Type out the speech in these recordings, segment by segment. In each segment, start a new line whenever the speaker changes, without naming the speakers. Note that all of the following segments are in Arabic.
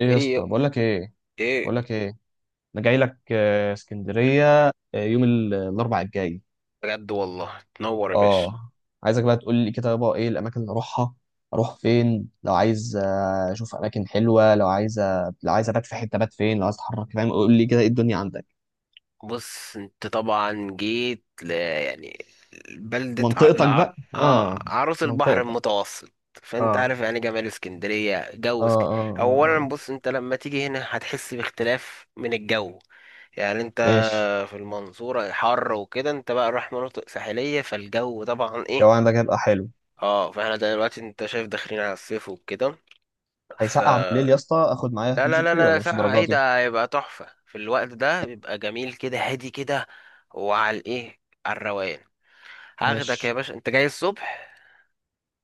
ايه يا
ايه،
اسطى، بقول لك ايه بقول
ايه.
لك ايه انا جاي لك اسكندريه، يوم الاربع الجاي.
بجد والله تنور يا باشا.
اه عايزك بقى تقول لي كده بقى ايه الاماكن اللي اروحها، اروح فين لو عايز اشوف اماكن حلوه، لو عايز لو عايز ابات في حته، بات فين لو عايز اتحرك. فاهم؟ قول لي كده ايه الدنيا عندك.
بص انت طبعا جيت ل يعني بلدة ع...
منطقتك
لع...
بقى،
آه
اه،
عروس البحر
منطقتك.
المتوسط.
اه،
فانت
اه،
عارف يعني جمال اسكندرية
اه
جو اسكندرية.
اه,
اولا
آه.
بص انت لما تيجي هنا هتحس باختلاف من الجو، يعني انت
ماشي.
في المنصورة حر وكده، انت بقى رايح مناطق ساحلية فالجو طبعا ايه.
الجو عندك هيبقى حلو.
اه فاحنا دلوقتي انت شايف داخلين على الصيف وكده ف
هيسقع بالليل يا اسطى؟ اخد معايا
لا
هدوم
لا لا
شتوي
لا لا،
ولا مش
ساقعة ايه
درجاتي؟
ده، هيبقى تحفة في الوقت ده، بيبقى جميل كده هادي كده. وعلى الايه، على الروقان. هاخدك يا
ماشي.
باشا، انت جاي الصبح.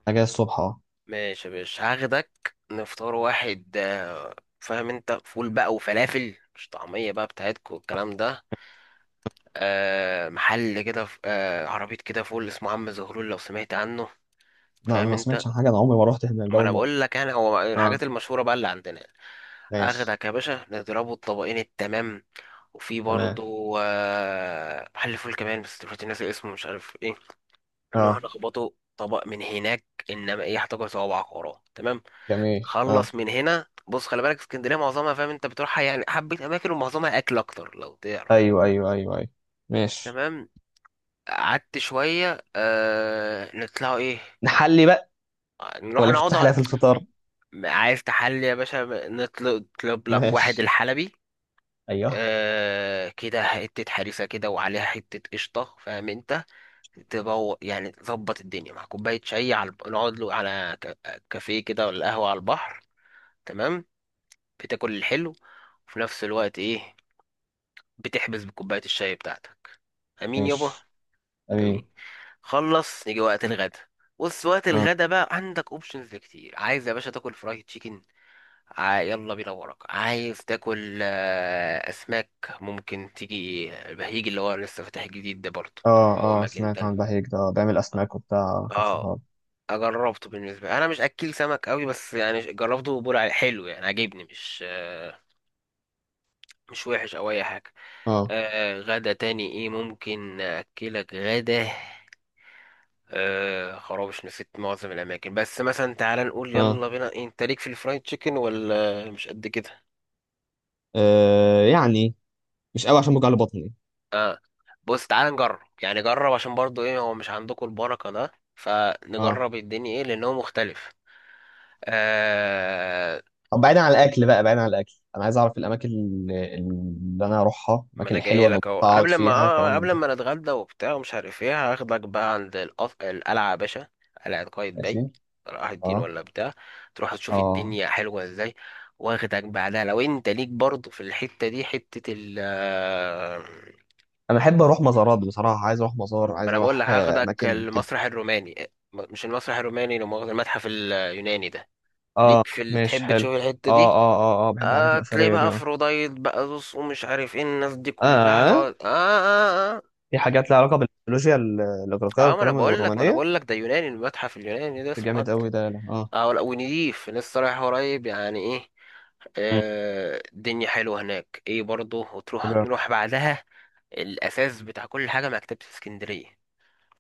انا جاي الصبح، اه.
ماشي يا باشا هاخدك نفطار واحد فاهم انت، فول بقى وفلافل مش طعمية بقى بتاعتكو والكلام ده. محل كده عربية كده فول اسمه عم زهرول، لو سمعت عنه.
لا، انا
فاهم
ما
انت،
سمعتش عن حاجه، انا عمري ما رحت هناك، ده
ما انا
اول مره.
بقول لك انا هو
اه.
الحاجات المشهورة بقى اللي عندنا.
ماشي.
اخدك يا باشا نضربه الطبقين التمام. وفي
تمام.
برضو محل فول كمان بس دلوقتي ناسي اسمه مش عارف ايه. نروح
اه،
نخبطه طبق من هناك، انما ايه هتاكل صوابعك وراه تمام.
جميل. اه.
خلص من هنا. بص خلي بالك اسكندريه معظمها فاهم انت بتروحها يعني حبه اماكن ومعظمها اكل اكتر لو تعرف.
ايوه. ماشي.
تمام، قعدت شويه آه نطلعوا ايه.
نحلي بقى
نروح
ولا
نقعد
نفتح
على-
لها في الفطار؟
عايز تحلي يا باشا نطلب لك واحد
ماشي.
الحلبي.
ايوه.
آه كده حته حريسه كده، وعليها حته قشطه فاهم انت. تبو يعني تظبط الدنيا مع كوباية شاي على الب- نقعد له على ك- كافيه كده ولا قهوة على البحر. تمام، بتاكل الحلو وفي نفس الوقت ايه، بتحبس بكوباية الشاي بتاعتك. امين يابا،
ماشي. امين.
امين. خلص يجي وقت الغدا. بص وقت
اه.
الغدا بقى عندك اوبشنز كتير. عايز يا باشا تاكل فرايد تشيكن، ع- يلا بينا وراك. عايز تاكل اسماك ممكن تيجي البهيج اللي هو لسه فاتح جديد ده برضه،
اه.
او
اه،
اماكن
سمعت
تانية.
عن بهيج ده، بيعمل اسماك وبتاع في
اه
الفرهاد.
جربته بالنسبه لي. انا مش اكل سمك قوي بس يعني جربته وبقول عليه حلو، يعني عجبني مش مش وحش او اي حاجه.
اه.
غدا تاني ايه ممكن اكلك غدا، آه خرابش نسيت معظم الاماكن. بس مثلا تعال نقول
اه.
يلا بينا إيه، انت ليك في الفرايد تشيكن ولا مش قد كده؟
يعني مش قوي عشان بوجع لي بطني.
بص تعال نجرب يعني جرب عشان برضو ايه هو مش عندكم البركه ده،
اه.
فنجرب الدنيا ايه لأن هو مختلف. آه
طب بعيدا عن الاكل بقى، بعيدا عن الاكل، انا عايز اعرف الاماكن اللي انا اروحها،
ما
الاماكن
انا جاي
الحلوه اللي
لك اهو،
اقعد
قبل ما
فيها، كلام من
قبل
ده.
ما نتغدى وبتاع ومش عارف ايه هاخدك بقى عند القف... القلعه يا باشا. قلعه قايتباي
ماشي.
صلاح الدين
اه.
ولا بتاع. تروح تشوف
اه.
الدنيا حلوه ازاي. واخدك بعدها لو انت ليك برضه في الحته دي حته ال
انا احب اروح مزارات بصراحه، عايز اروح مزار،
ما
عايز
انا بقول
اروح
لك هاخدك
اماكن كده.
المسرح الروماني، م- مش المسرح الروماني لو مؤاخذة، المتحف اليوناني ده.
اه.
ليك في ال...
ماشي،
تحب
حلو.
تشوف الحته
اه
دي؟
اه اه اه بحب الحاجات
آه تلاقي
الاثريه
بقى
دي، اه.
افروديت بقى زوس ومش عارف ايه الناس دي كلها
اه.
تقعد
في حاجات لها علاقه بالميثولوجيا الاغريقيه
اه ما انا
والكلام،
بقول لك
والرومانيه.
ده يوناني، المتحف اليوناني ده اسمه
جامد
أط-
قوي ده، لا. اه.
اه ولا- ونضيف لسه رايح قريب يعني ايه.
مم.
آه الدنيا حلوه هناك ايه برضه، وتروح
حلو أوي.
نروح بعدها الاساس بتاع كل حاجه، مكتبه اسكندريه.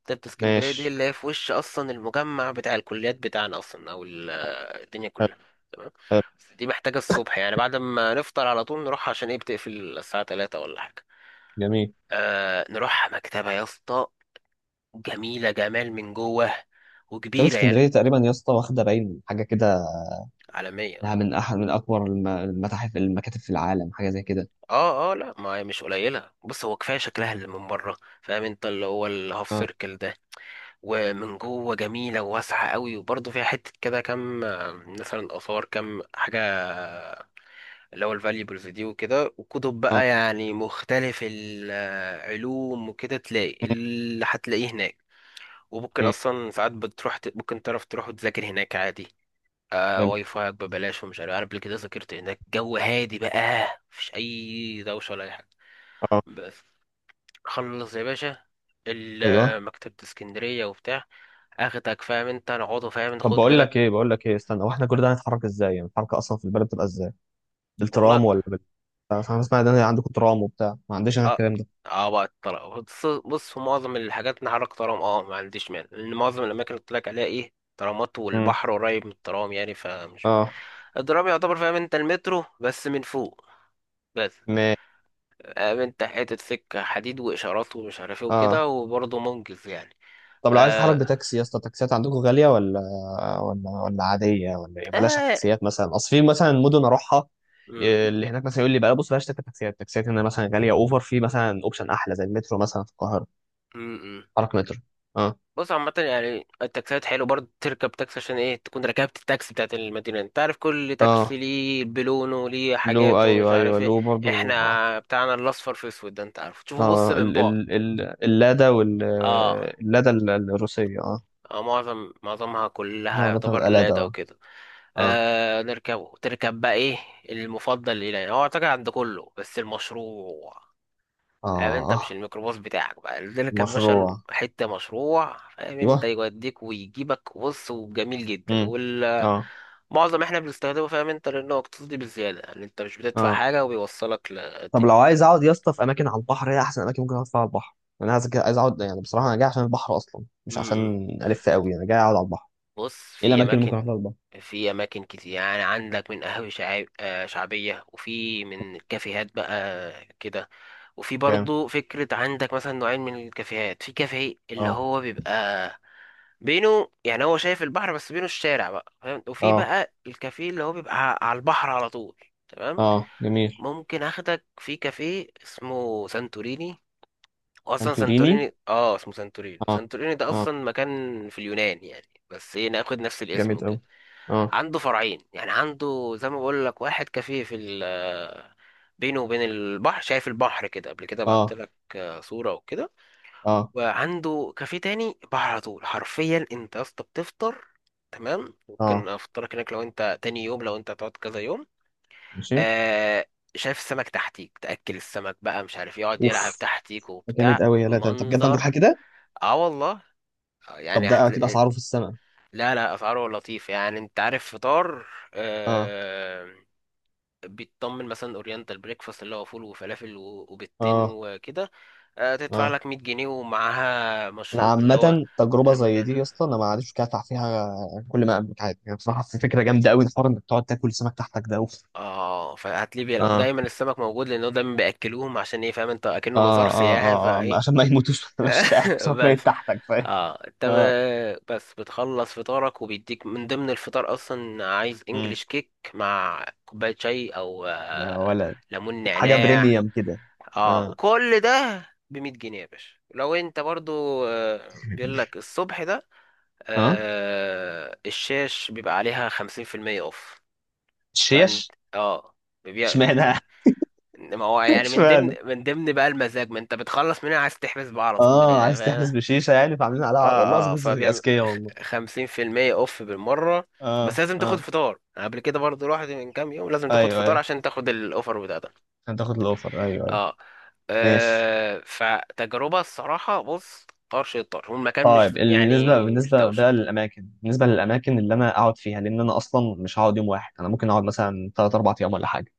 مكتبه اسكندريه دي
ماشي،
اللي هي في وش اصلا المجمع بتاع الكليات بتاعنا اصلا او ال- الدنيا
حلو.
كلها. تمام،
حلو.
بس دي محتاجه الصبح يعني، بعد ما نفطر على طول نروح عشان ايه بتقفل الساعه 3 ولا حاجه.
جميل.
آه نروح مكتبه يا اسطى، جميله جمال من جوه
مكتبة
وكبيرة يعني
اسكندرية تقريبا يا اسطى واخدة باين حاجة كده،
عالمية.
إنها من أحد من أكبر المتاحف المكاتب في العالم، حاجة زي كده.
اه اه لا ما هي مش قليلة. بص هو كفاية شكلها اللي من بره فاهم انت، اللي هو الهاف
اه.
سيركل ده، ومن جوه جميلة وواسعة قوي، وبرضه فيها حتة كده كام مثلا آثار، كام حاجة اللي هو الفاليبلز دي وكده، وكتب
اه.
بقى يعني مختلف العلوم وكده تلاقي
مم.
اللي هتلاقيه هناك. وممكن
جميل.
أصلا ساعات بتروح ت- ممكن تعرف تروح وتذاكر هناك عادي، آه
حلو.
واي فاي ببلاش ومش عارف، عارف قبل كده ذاكرت هناك جو هادي بقى، مفيش أي دوشة ولا أي حاجة.
اه.
بس خلص يا باشا،
ايوه.
ال- مكتبة اسكندرية وبتاع، اخدك فاهم انت نقعدوا فاهم
طب
ناخد
بقول
لنا.
لك ايه بقول لك ايه استنى، واحنا كل ده هنتحرك ازاي؟ يعني الحركه اصلا في البلد بتبقى ازاي؟
والله
بالترام ولا فانا اسمع ان انا عندكم ترام وبتاع، ما عنديش انا
اه
الكلام ده.
اه بقى الطلاق، بص في معظم الحاجات نحرك ترام، اه ما عنديش مانع لان معظم الاماكن اللي قلت لك عليها ايه ترامات،
امم.
والبحر قريب من الترام يعني فمش.
اه.
الترام يعتبر فاهم انت المترو بس من فوق بس،
ما
فاهم انت حتة سكة حديد واشارات ومش عارف ايه وكده،
اه
وبرضه منجز يعني.
طب لو عايز تتحرك
اه
بتاكسي يا اسطى، التاكسيات عندكم غاليه ولا ولا عاديه ولا إيه؟ بلاش
اه.
تاكسيات مثلا، اصل في مثلا مدن اروحها، إيه،
مم.
اللي هناك مثلا يقول لي بقى بص بلاش تركب تاكسيات، التاكسيات هنا مثلا غاليه اوفر، في مثلا اوبشن احلى زي المترو مثلا في القاهره،
مم.
حرك مترو. اه.
بص عامة يعني التاكسيات حلو برضه تركب تاكسي، عشان ايه تكون ركبت التاكسي بتاعت المدينة، انت عارف كل تاكسي
اه.
ليه بلونه ليه
لو
حاجاته ومش
ايوه، ايوه
عارف ايه.
لو برضو، اه.
احنا بتاعنا الاصفر في اسود ده انت عارف تشوفه بص
اه،
من
ال
بعد.
ال ال اللادا وال
اه
اللادا الروسيه، اه.
اه معظمها كلها يعتبر
عربيتها الادا،
لاد او
اه.
كده.
اه.
آه نركبه تركب بقى ايه المفضل ليه، يعني هو اعتقد عند كله بس المشروع. فاهم انت مش
اه،
الميكروباص بتاعك بقى تركب باشا
مشروع.
حتة مشروع، فاهم انت
ايوه.
يوديك ويجيبك بص، وجميل جدا
امم.
وال
اه.
معظم احنا بنستخدمه فاهم انت لانه اقتصادي بزياده، يعني انت مش بتدفع
اه.
حاجه وبيوصلك
طب
للدنيا.
لو عايز اقعد يا اسطى في اماكن على البحر، هي احسن اماكن ممكن اقعد فيها على البحر؟ يعني انا عايز، عايز اقعد يعني بصراحه انا جاي عشان البحر اصلا، مش
امم
عشان الف قوي، انا جاي اقعد على البحر.
بص
ايه
في
الاماكن اللي
اماكن
ممكن اقعد على البحر؟
في اماكن كتير يعني، عندك من قهاوي شعاب- شعبيه، وفي من كافيهات بقى كده. وفي
جامد.
برضو فكرة عندك مثلا نوعين من الكافيهات، في كافيه اللي
اه.
هو بيبقى بينه يعني هو شايف البحر بس بينه الشارع بقى فاهم، وفي
اه.
بقى الكافيه اللي هو بيبقى ع- على البحر على طول. تمام،
اه، جميل.
ممكن اخدك في كافيه اسمه سانتوريني. اصلا
سانتوريني.
سانتوريني اه اسمه سانتورينو،
اه.
سانتوريني ده
اه.
اصلا مكان في اليونان يعني بس ايه ناخد نفس الاسم
جامد قوي.
وكده.
اه.
عنده فرعين يعني، عنده زي ما بقول لك واحد كافيه في ال بينه وبين البحر، شايف البحر كده قبل كده بعت
اه.
لك صورة وكده.
اه.
وعنده كافيه تاني بحر على طول حرفيا، انت يا اسطى بتفطر. تمام ممكن
اه.
افطرك هناك لو انت تاني يوم، لو انت هتقعد كذا يوم.
ماشي.
آه شايف السمك تحتيك، تأكل السمك بقى مش عارف يقعد يلعب
اوف،
تحتيك
ده جامد
وبتاع
قوي، يا لا ده انت بجد عندك حاجه
منظر.
كده.
اه والله،
طب
يعني
ده كده
هتلاقي
اسعاره في السماء؟
لا لا، اسعاره لطيفه يعني. انت عارف فطار،
اه.
آه بيتطمن مثلا اورينتال بريكفاست اللي هو فول وفلافل و- وبيضتين
اه.
وكده. آه تدفع
اه،
لك 100 جنيه ومعاها
انا
مشروب اللي هو
عامة تجربة زي
ليمونانا.
دي يا اسطى انا ما عادش كافح فيها، كل ما املك عادي يعني، بصراحة في فكرة جامدة قوي الحوار انك تقعد تاكل سمك تحتك ده اوف.
اه فهات ليبيا لا،
اه.
ودايما السمك موجود لانه دايما بياكلوهم عشان ايه فاهم انت، اكنه مزار
اه. اه.
سياحي
اه،
فايه.
عشان ما يموتوش، ما تبقاش تاكل سمك ميت
بس
تحتك، فاهم.
اه انت
اه.
ب- بس بتخلص فطارك، وبيديك من ضمن الفطار اصلا عايز
امم.
انجلش كيك مع كوباية شاي او
يا ولد،
ليمون
حاجة
نعناع.
بريميوم كده.
اه
اه.
وكل ده بمية جنيه يا باشا. لو انت برضو بيقول لك الصبح ده
اه،
آه، الشاش بيبقى عليها خمسين في المية اوف. فانت
شيش.
اه بيبيع،
اشمعنى؟
انما هو يعني من ضمن
اشمعنى؟
من ضمن بقى المزاج، ما انت بتخلص من هنا عايز تحبس بقى على طول من
اه،
هنا.
عايز تحبس بشيشة يعني، فعاملين عليها والله العظيم،
اه اه
ناس
فبيعمل
اذكياء والله.
خمسين في المية اوف بالمرة،
اه.
بس لازم تاخد
اه.
فطار. أنا قبل كده برضو رحت من كام يوم، لازم تاخد
ايوه،
فطار
ايوه،
عشان تاخد الاوفر بتاعتك.
عشان تاخد الاوفر، ايوه ايوه.
اه
ماشي.
فتجربة الصراحة بص، طرش الطرش والمكان
اه،
مش
بالنسبه
يعني مش
بالنسبه
دوشة.
بقى للاماكن بالنسبه للاماكن اللي انا اقعد فيها، لان انا اصلا مش هقعد يوم واحد، انا ممكن اقعد مثلا 3 4 ايام ولا حاجه.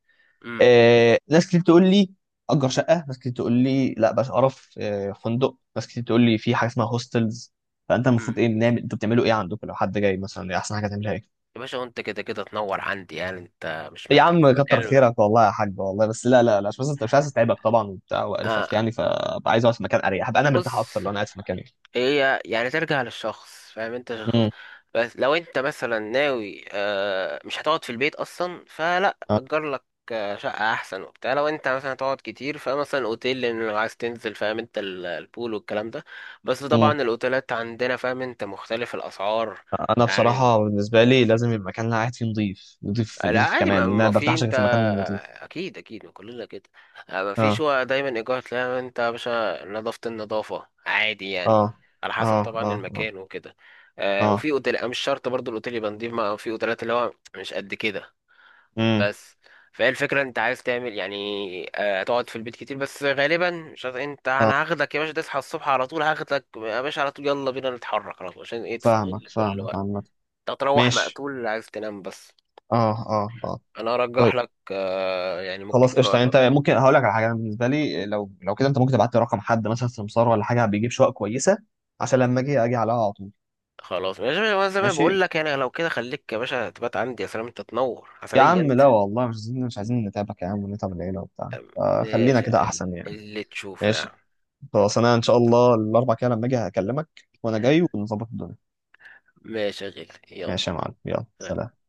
امم
آه، ناس كتير تقول لي اجر شقه، ناس كتير تقول لي لا بس اعرف آه فندق، ناس كتير تقول لي في حاجه اسمها هوستلز. فانت
امم
المفروض ايه، بنعمل انتوا بتعملوا ايه عندكم لو حد جاي مثلا؟ إيه احسن حاجه تعملها، ايه؟
يا باشا وانت كده كده تنور عندي يعني، انت مش
يا
محتاج
عم كتر
كلمة.
خيرك والله يا حاج، والله بس لا لا لا، مش بس انت، مش عايز اتعبك طبعا وبتاع
آه
وقرفك يعني، فابقى عايز اقعد في مكان اريح، هبقى انا مرتاح
بص
اكتر لو انا قاعد في مكان
هي يعني ترجع للشخص فاهم انت شخص،
يعني.
بس لو انت مثلا ناوي مش هتقعد في البيت اصلا فلا اجر لك شقة احسن وبتاع. لو انت مثلا هتقعد كتير فمثلا الاوتيل، لان لو عايز تنزل فاهم انت ال- البول والكلام ده. بس
امم.
طبعا الاوتيلات عندنا فاهم انت مختلف الاسعار
انا
يعني.
بصراحه بالنسبه لي لازم يبقى المكان اللي أنا قاعد فيه نظيف نظيف
لا
نظيف
عادي
كمان،
ما
لان انا
ما
ما
في
برتاحش غير
انت،
في المكان النظيف.
اكيد اكيد ما كلنا كده. ما فيش
اه.
هو دايما ايجار، تلاقي انت يا باشا نظافة النظافة عادي يعني
اه.
على حسب
اه. اه.
طبعا
اه. اه.
المكان وكده. آه
آه،
وفي اوتيل مش شرط برضو الاوتيل يبقى نضيف، ما في اوتيلات اللي هو مش قد كده
امم.
بس. فهي الفكرة انت عايز تعمل يعني آه تقعد في البيت كتير بس، غالبا مش عارف انت
اه،
انا هاخدك يا باشا تصحى الصبح على طول، هاخدك يا باشا على طول يلا بينا نتحرك على طول عشان ايه
فاهمك
تستغل كل
فاهمك
وقت،
عامه.
تروح
ماشي.
مقتول عايز تنام بس.
اه. اه. اه.
انا
طيب،
ارجح لك يعني ممكن
خلاص
شويه
قشطه. انت
تأجر.
ممكن هقول لك على حاجه، أنا بالنسبه لي لو، لو كده انت ممكن تبعت لي رقم حد مثلا سمسار ولا حاجه بيجيب شقق كويسه، عشان لما اجي اجي عليها على طول.
خلاص ماشي يا باشا، وانا زي ما
ماشي.
بقول لك يعني لو كده خليك يا باشا تبات عندي، يا سلام انت تنور
يا
عسلية
عم
انت.
لا والله، مش عايزين نتعبك يا عم ونتعب العيله وبتاع، آه خلينا
ماشي يا
كده
قلبي،
احسن يعني.
اللي تشوفه يا
ماشي.
عم.
خلاص، انا ان شاء الله الاربع كده لما اجي هكلمك، وانا جاي ونظبط الدنيا.
ماشي يا غالي يلا
ماشي يا معلم، يلا سلام.